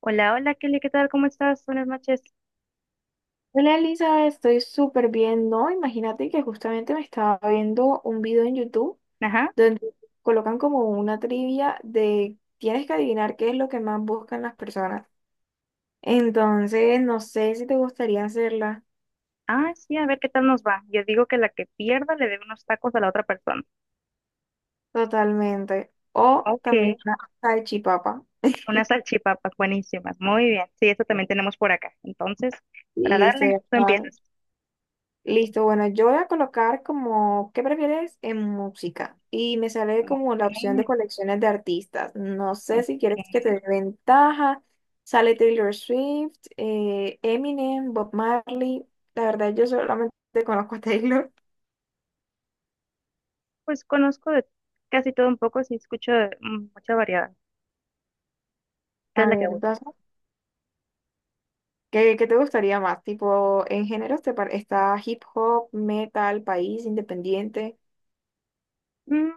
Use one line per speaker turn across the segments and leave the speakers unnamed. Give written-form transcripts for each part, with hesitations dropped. Hola, hola Kelly, ¿qué tal? ¿Cómo estás? Buenas noches.
Hola Elizabeth, estoy súper bien, ¿no? Imagínate que justamente me estaba viendo un video en YouTube
Ajá.
donde colocan como una trivia de tienes que adivinar qué es lo que más buscan las personas. Entonces, no sé si te gustaría hacerla
Ah, sí, a ver qué tal nos va. Yo digo que la que pierda le debe unos tacos a la otra persona.
totalmente. O
Ok,
también una salchipapa.
unas salchipapas buenísimas. Muy bien. Sí, eso también tenemos por acá. Entonces, para
Listo, ya
darle, tú
está.
empiezas.
Listo, bueno, yo voy a colocar como, ¿qué prefieres en música? Y me sale como la
Ok,
opción de colecciones de artistas. No sé si quieres que te
ok.
dé ventaja. Sale Taylor Swift, Eminem, Bob Marley. La verdad, yo solamente conozco a Taylor.
Pues conozco de casi todo un poco, sí escucho de, mucha variedad. ¿Qué es
A
la que
ver,
gusta?
¿Qué te gustaría más? Tipo, en géneros está hip hop, metal, país, independiente.
Mm,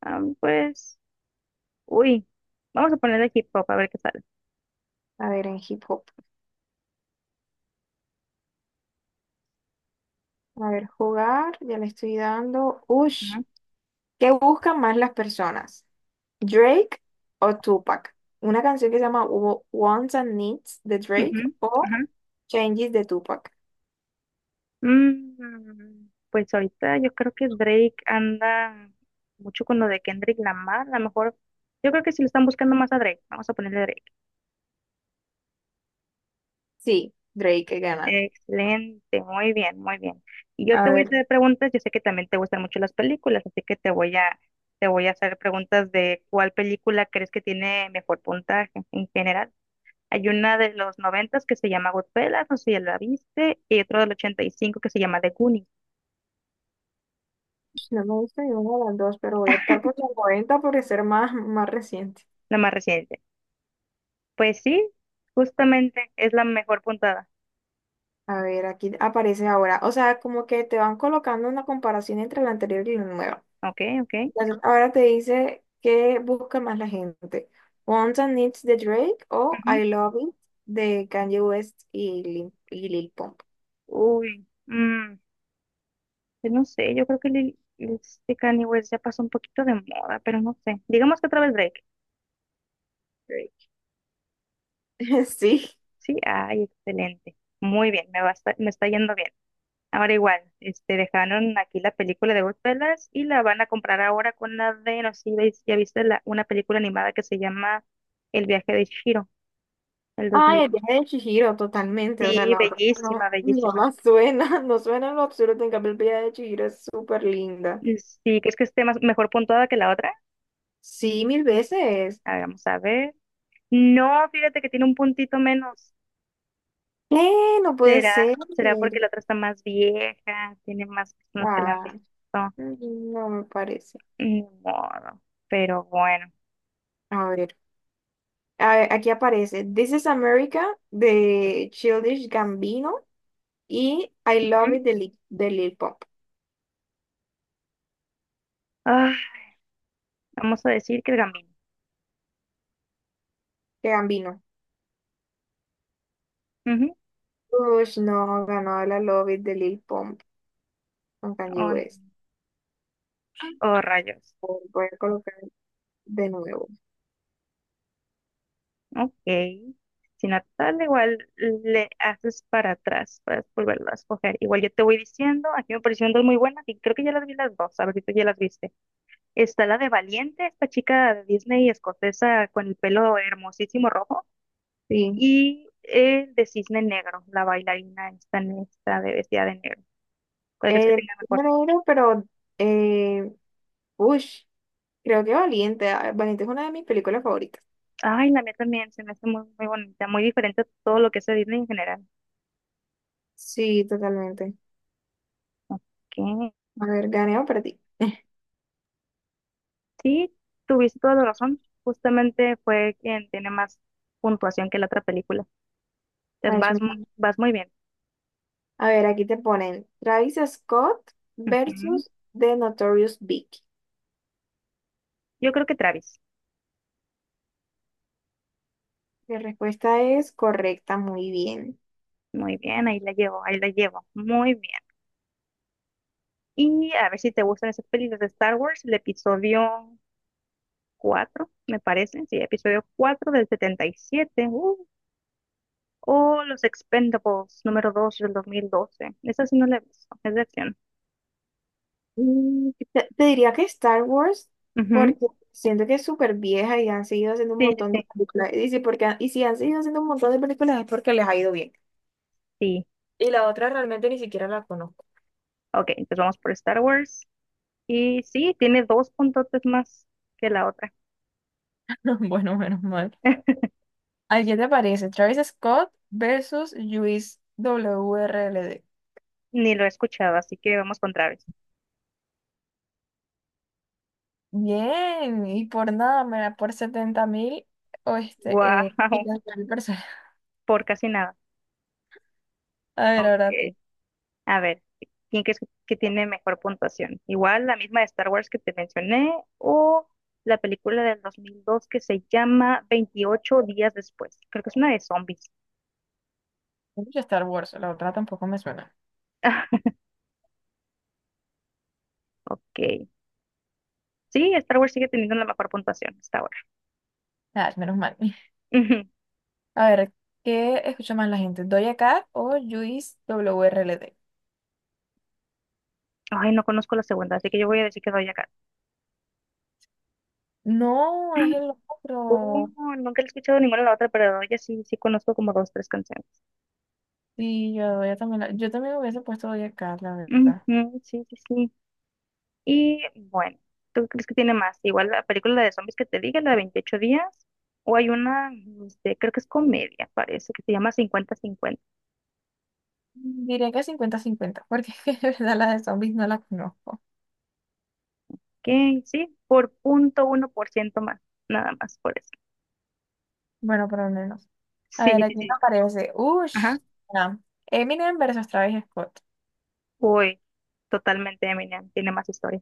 pues, uy, vamos a ponerle hip hop a ver qué sale.
A ver, en hip hop. A ver, jugar, ya le estoy dando. Ush,
Ajá,
¿qué buscan más las personas? Drake o Tupac. Una canción que se llama Wants and Needs de Drake
ujú,
o
ajá.
Changes de Tupac.
Mm, pues ahorita yo creo que Drake anda mucho con lo de Kendrick Lamar, a lo mejor, yo creo que si lo están buscando más a Drake, vamos a ponerle Drake.
Sí, Drake gana.
Excelente, muy bien, muy bien. Y yo te
A
voy a
ver,
hacer preguntas, yo sé que también te gustan mucho las películas, así que te voy a hacer preguntas de cuál película crees que tiene mejor puntaje en general. Hay una de los noventas que se llama Goodfellas, no sé si ya la viste, y otra del 85 que se llama The Goonies,
no me gusta ninguna de las dos, pero voy a optar por la 40 por ser más, más reciente.
la más reciente. Pues sí, justamente es la mejor puntada.
A ver, aquí aparece ahora. O sea, como que te van colocando una comparación entre la anterior y la nueva.
Ok, ok.
Entonces, ahora te dice qué busca más la gente. Wants and Needs de Drake o
Ujú.
I Love It de Kanye West y Lil Pump.
Uy, mm, pues no sé, yo creo que este Kanye West ya pasó un poquito de moda, pero no sé. Digamos que otra vez Drake.
Drake. Sí.
Sí, ay, excelente. Muy bien, me va a esta- me está yendo bien. Ahora igual, este, dejaron aquí la película de Goodfellas y la van a comprar ahora con la de, no sé si ya viste la, una película animada que se llama El viaje de Chihiro, el
Ay, el
2000.
viaje de Chihiro, totalmente. O sea,
Sí,
la otra no,
bellísima,
no
bellísima.
la suena, no suena en lo absurdo. En cambio, el viaje de Chihiro es súper linda.
Sí, ¿crees que esté mejor puntuada que la otra?
Sí, mil veces.
A ver, vamos a ver. No, fíjate que tiene un puntito menos.
¿Qué? No puede ser.
Será porque la otra está más vieja? Tiene más personas que la han
Ah,
visto.
no me parece.
Ni modo. Pero bueno.
A ver, a ver, aquí aparece This is America de Childish Gambino y I
Ujú.
Love It de Lil Pump.
Ah, vamos a decir que el Gambino.
De Gambino.
Ujú.
Uy, no, ganó la Love It de Lil Pump con Kanye
Oh, no.
West.
Oh, rayos.
Voy a colocar de nuevo.
Ok. Si no tal, igual le haces para atrás para volverlo a escoger. Igual yo te voy diciendo, aquí me parecieron dos muy buenas y creo que ya las vi las dos. A ver si tú ya las viste. Está la de Valiente, esta chica de Disney escocesa con el pelo hermosísimo rojo,
Sí.
y el de Cisne Negro, la bailarina esta, de vestida de negro. ¿Cuál crees que
Eh,
tenga mejor?
bueno, bueno, pero, eh, uy, creo que Valiente. Ah, Valiente es una de mis películas favoritas.
Ay, la mía también se me hace muy, muy bonita, muy diferente a todo lo que es de Disney en general.
Sí, totalmente.
Ok.
A ver, ganeo para ti.
Sí, tuviste toda la razón. Justamente fue quien tiene más puntuación que la otra película. Entonces
Ay,
vas, vas muy bien.
a ver, aquí te ponen Travis Scott
Ujú.
versus The Notorious Big.
Yo creo que Travis.
La respuesta es correcta, muy bien.
Muy bien, ahí la llevo, ahí la llevo. Muy bien. Y a ver si te gustan esas películas de Star Wars, el episodio 4 me parece, sí, episodio 4 del 77, o Los Expendables número 2 del 2012. Esa sí no la he visto, es de acción.
Te diría que Star Wars,
Ujú.
porque siento que es súper vieja y han seguido haciendo un
Sí, sí,
montón
sí,
de películas. Y si han seguido haciendo un montón de películas es porque les ha ido bien.
sí.
Y la otra realmente ni siquiera la conozco.
Ok, entonces vamos por Star Wars. Y sí, tiene dos puntotes más que la otra.
Bueno, menos mal. ¿A qué te parece? Travis Scott versus Luis WRLD.
Ni lo he escuchado, así que vamos con Travis.
Bien, y por nada, mira, por 70.000 o
Guau,
y las 1.000 personas.
por casi nada.
A ver,
Ok.
ahora tú.
A ver, ¿quién crees que tiene mejor puntuación? Igual la misma de Star Wars que te mencioné o la película del 2002 que se llama 28 días después. Creo que es una de zombies.
Escucho Star Wars, la otra tampoco me suena.
Ok. Sí, Star Wars sigue teniendo la mejor puntuación hasta ahora.
Ah, menos mal.
Ujú.
A ver, ¿qué escucha más la gente? ¿Doja Cat o Luis WRLD?
Ay, no conozco la segunda, así que yo voy a decir que doy acá.
No, es el otro.
¿Cómo? Nunca la he escuchado ninguna de la otra, pero ya sí, sí conozco como dos, tres canciones.
Sí, yo, Doja también, yo también hubiese puesto Doja Cat, la verdad.
Ujú. Sí, sí, sí. Y bueno, ¿tú crees que tiene más? Igual la película de zombies que te dije, la de 28 días, o hay una, este, creo que es comedia, parece, que se llama 50 50,
Diría que 50-50, porque es que de verdad la de zombies no la conozco.
que sí, por 0,1% más, nada más por eso.
Bueno, por lo menos. A
Sí,
ver,
sí,
aquí me
sí.
aparece. Ush.
Ajá.
Ah, Eminem versus Travis Scott.
Uy, totalmente Eminem, tiene más historia.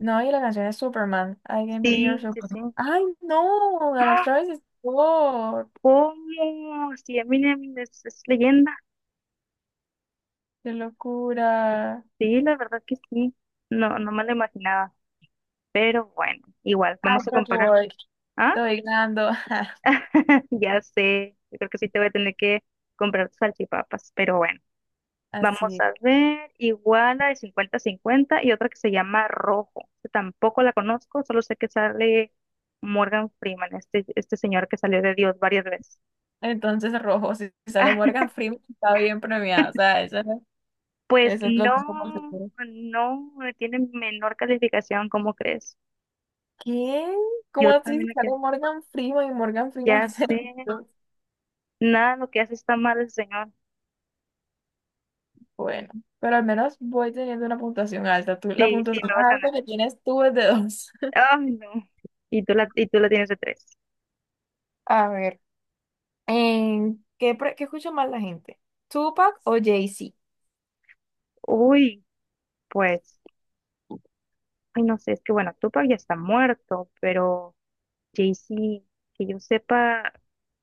No, y la canción es Superman. I can be your
Sí, sí, sí.
Superman. ¡Ay, no! Ganó
¡Ah!
Travis Scott.
¿Cómo? Sí, Eminem es leyenda.
¡Qué locura!
Sí, la verdad que sí. No, no me lo imaginaba. Pero bueno, igual,
¡Ay,
vamos a
qué
comparar.
boy!
¿Ah?
Estoy ganando.
Ya sé, yo creo que sí te voy a tener que comprar salchipapas, pero bueno, vamos
Así.
a ver, igual la de 50 cincuenta y otra que se llama Rojo, que tampoco la conozco, solo sé que sale Morgan Freeman, este señor que salió de Dios varias veces.
Entonces, rojo. Si sale Morgan Freeman, está bien premiado. O sea, eso,
Pues
eso lo tengo por
no,
seguro.
no, tiene menor calificación, ¿cómo crees?
¿Qué? ¿Cómo
Yo
así, si
también me
sale
quedo,
Morgan Freeman y Morgan Freeman
ya
hace lo
sé,
mismo?
nada, lo que hace está mal el señor.
Bueno, pero al menos voy teniendo una puntuación alta. La
Sí, sí,
puntuación
me vas
más alta
ganando.
que tienes tú es de dos.
Ay, no. Y tú la tienes de tres.
A ver, ¿qué escucha más la gente? ¿Tupac o Jay-Z?
Uy. Pues, ay, no sé, es que bueno, Tupac ya está muerto, pero Jay-Z, que yo sepa,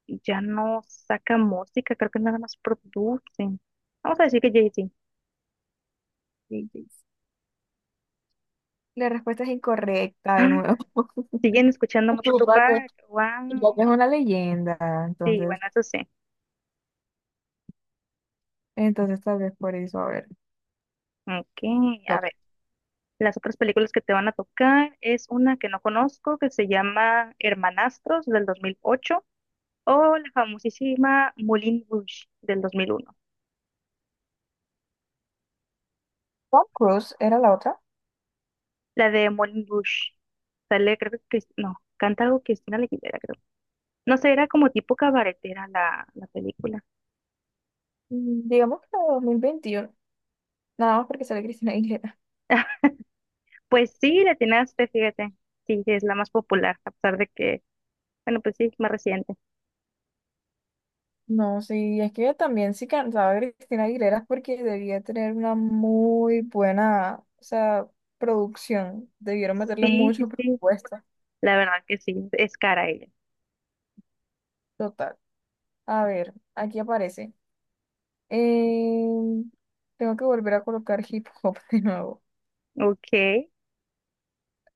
ya no saca música, creo que nada más producen. Vamos a decir que Jay-Z.
Sí, sí. La respuesta es incorrecta de
Ah,
nuevo.
¿siguen escuchando mucho
Tupac es
Tupac? Wow.
Tupac es una leyenda,
Sí, bueno,
entonces,
eso sí.
entonces tal vez por eso, a ver.
Ok, a
Loca.
ver. Las otras películas que te van a tocar es una que no conozco, que se llama Hermanastros del 2008 o la famosísima Moulin Rouge del 2001.
Tom Cruise era la otra.
La de Moulin Rouge. Sale, creo que, no, canta algo Cristina Aguilera, creo. No sé, era como tipo cabaretera la película.
Digamos que la de 2021 nada más porque sale Cristina.
Pues sí, la atinaste, fíjate. Sí, sí, es la más popular, a pesar de que, bueno, pues sí, es más reciente.
No, sí, es que también sí cantaba Cristina Aguilera es porque debía tener una muy buena, o sea, producción. Debieron meterle
Sí, sí,
mucho
sí,
presupuesto.
la verdad que sí, es cara ella.
Total. A ver, aquí aparece. Eh, Tengo que volver a colocar hip hop de nuevo.
Ok.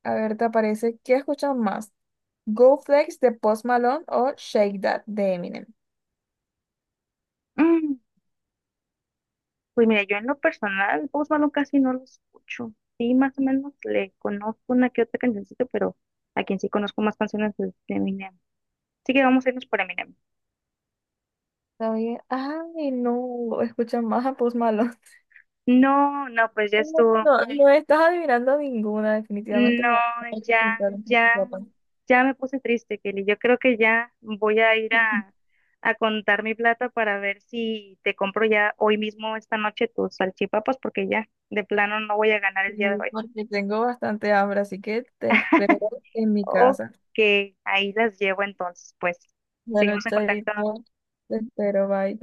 A ver, te aparece, ¿qué escuchan más? Go Flex de Post Malone o Shake That de Eminem.
Mm, pues mira, yo en lo personal, Post Malone casi no lo escucho. Sí, más o menos le conozco una que otra cancioncita, pero a quien sí conozco más canciones es de Eminem. Así que vamos a irnos por Eminem.
Está bien. Ay, no, escuchan más a Post Malone.
No, no, pues ya estuvo.
No, no estás adivinando ninguna, definitivamente
No,
no. Hay que
ya,
pintar un poquito,
ya, ya me puse triste, Kelly. Yo creo que ya voy a ir a contar mi plata para ver si te compro ya hoy mismo, esta noche, tus salchipapas, porque ya, de plano, no voy a ganar el día de
sí,
hoy.
porque tengo bastante hambre, así que te espero en mi
Ok,
casa.
ahí las llevo entonces, pues.
Bueno,
Seguimos en contacto.
chaito, te espero, bye.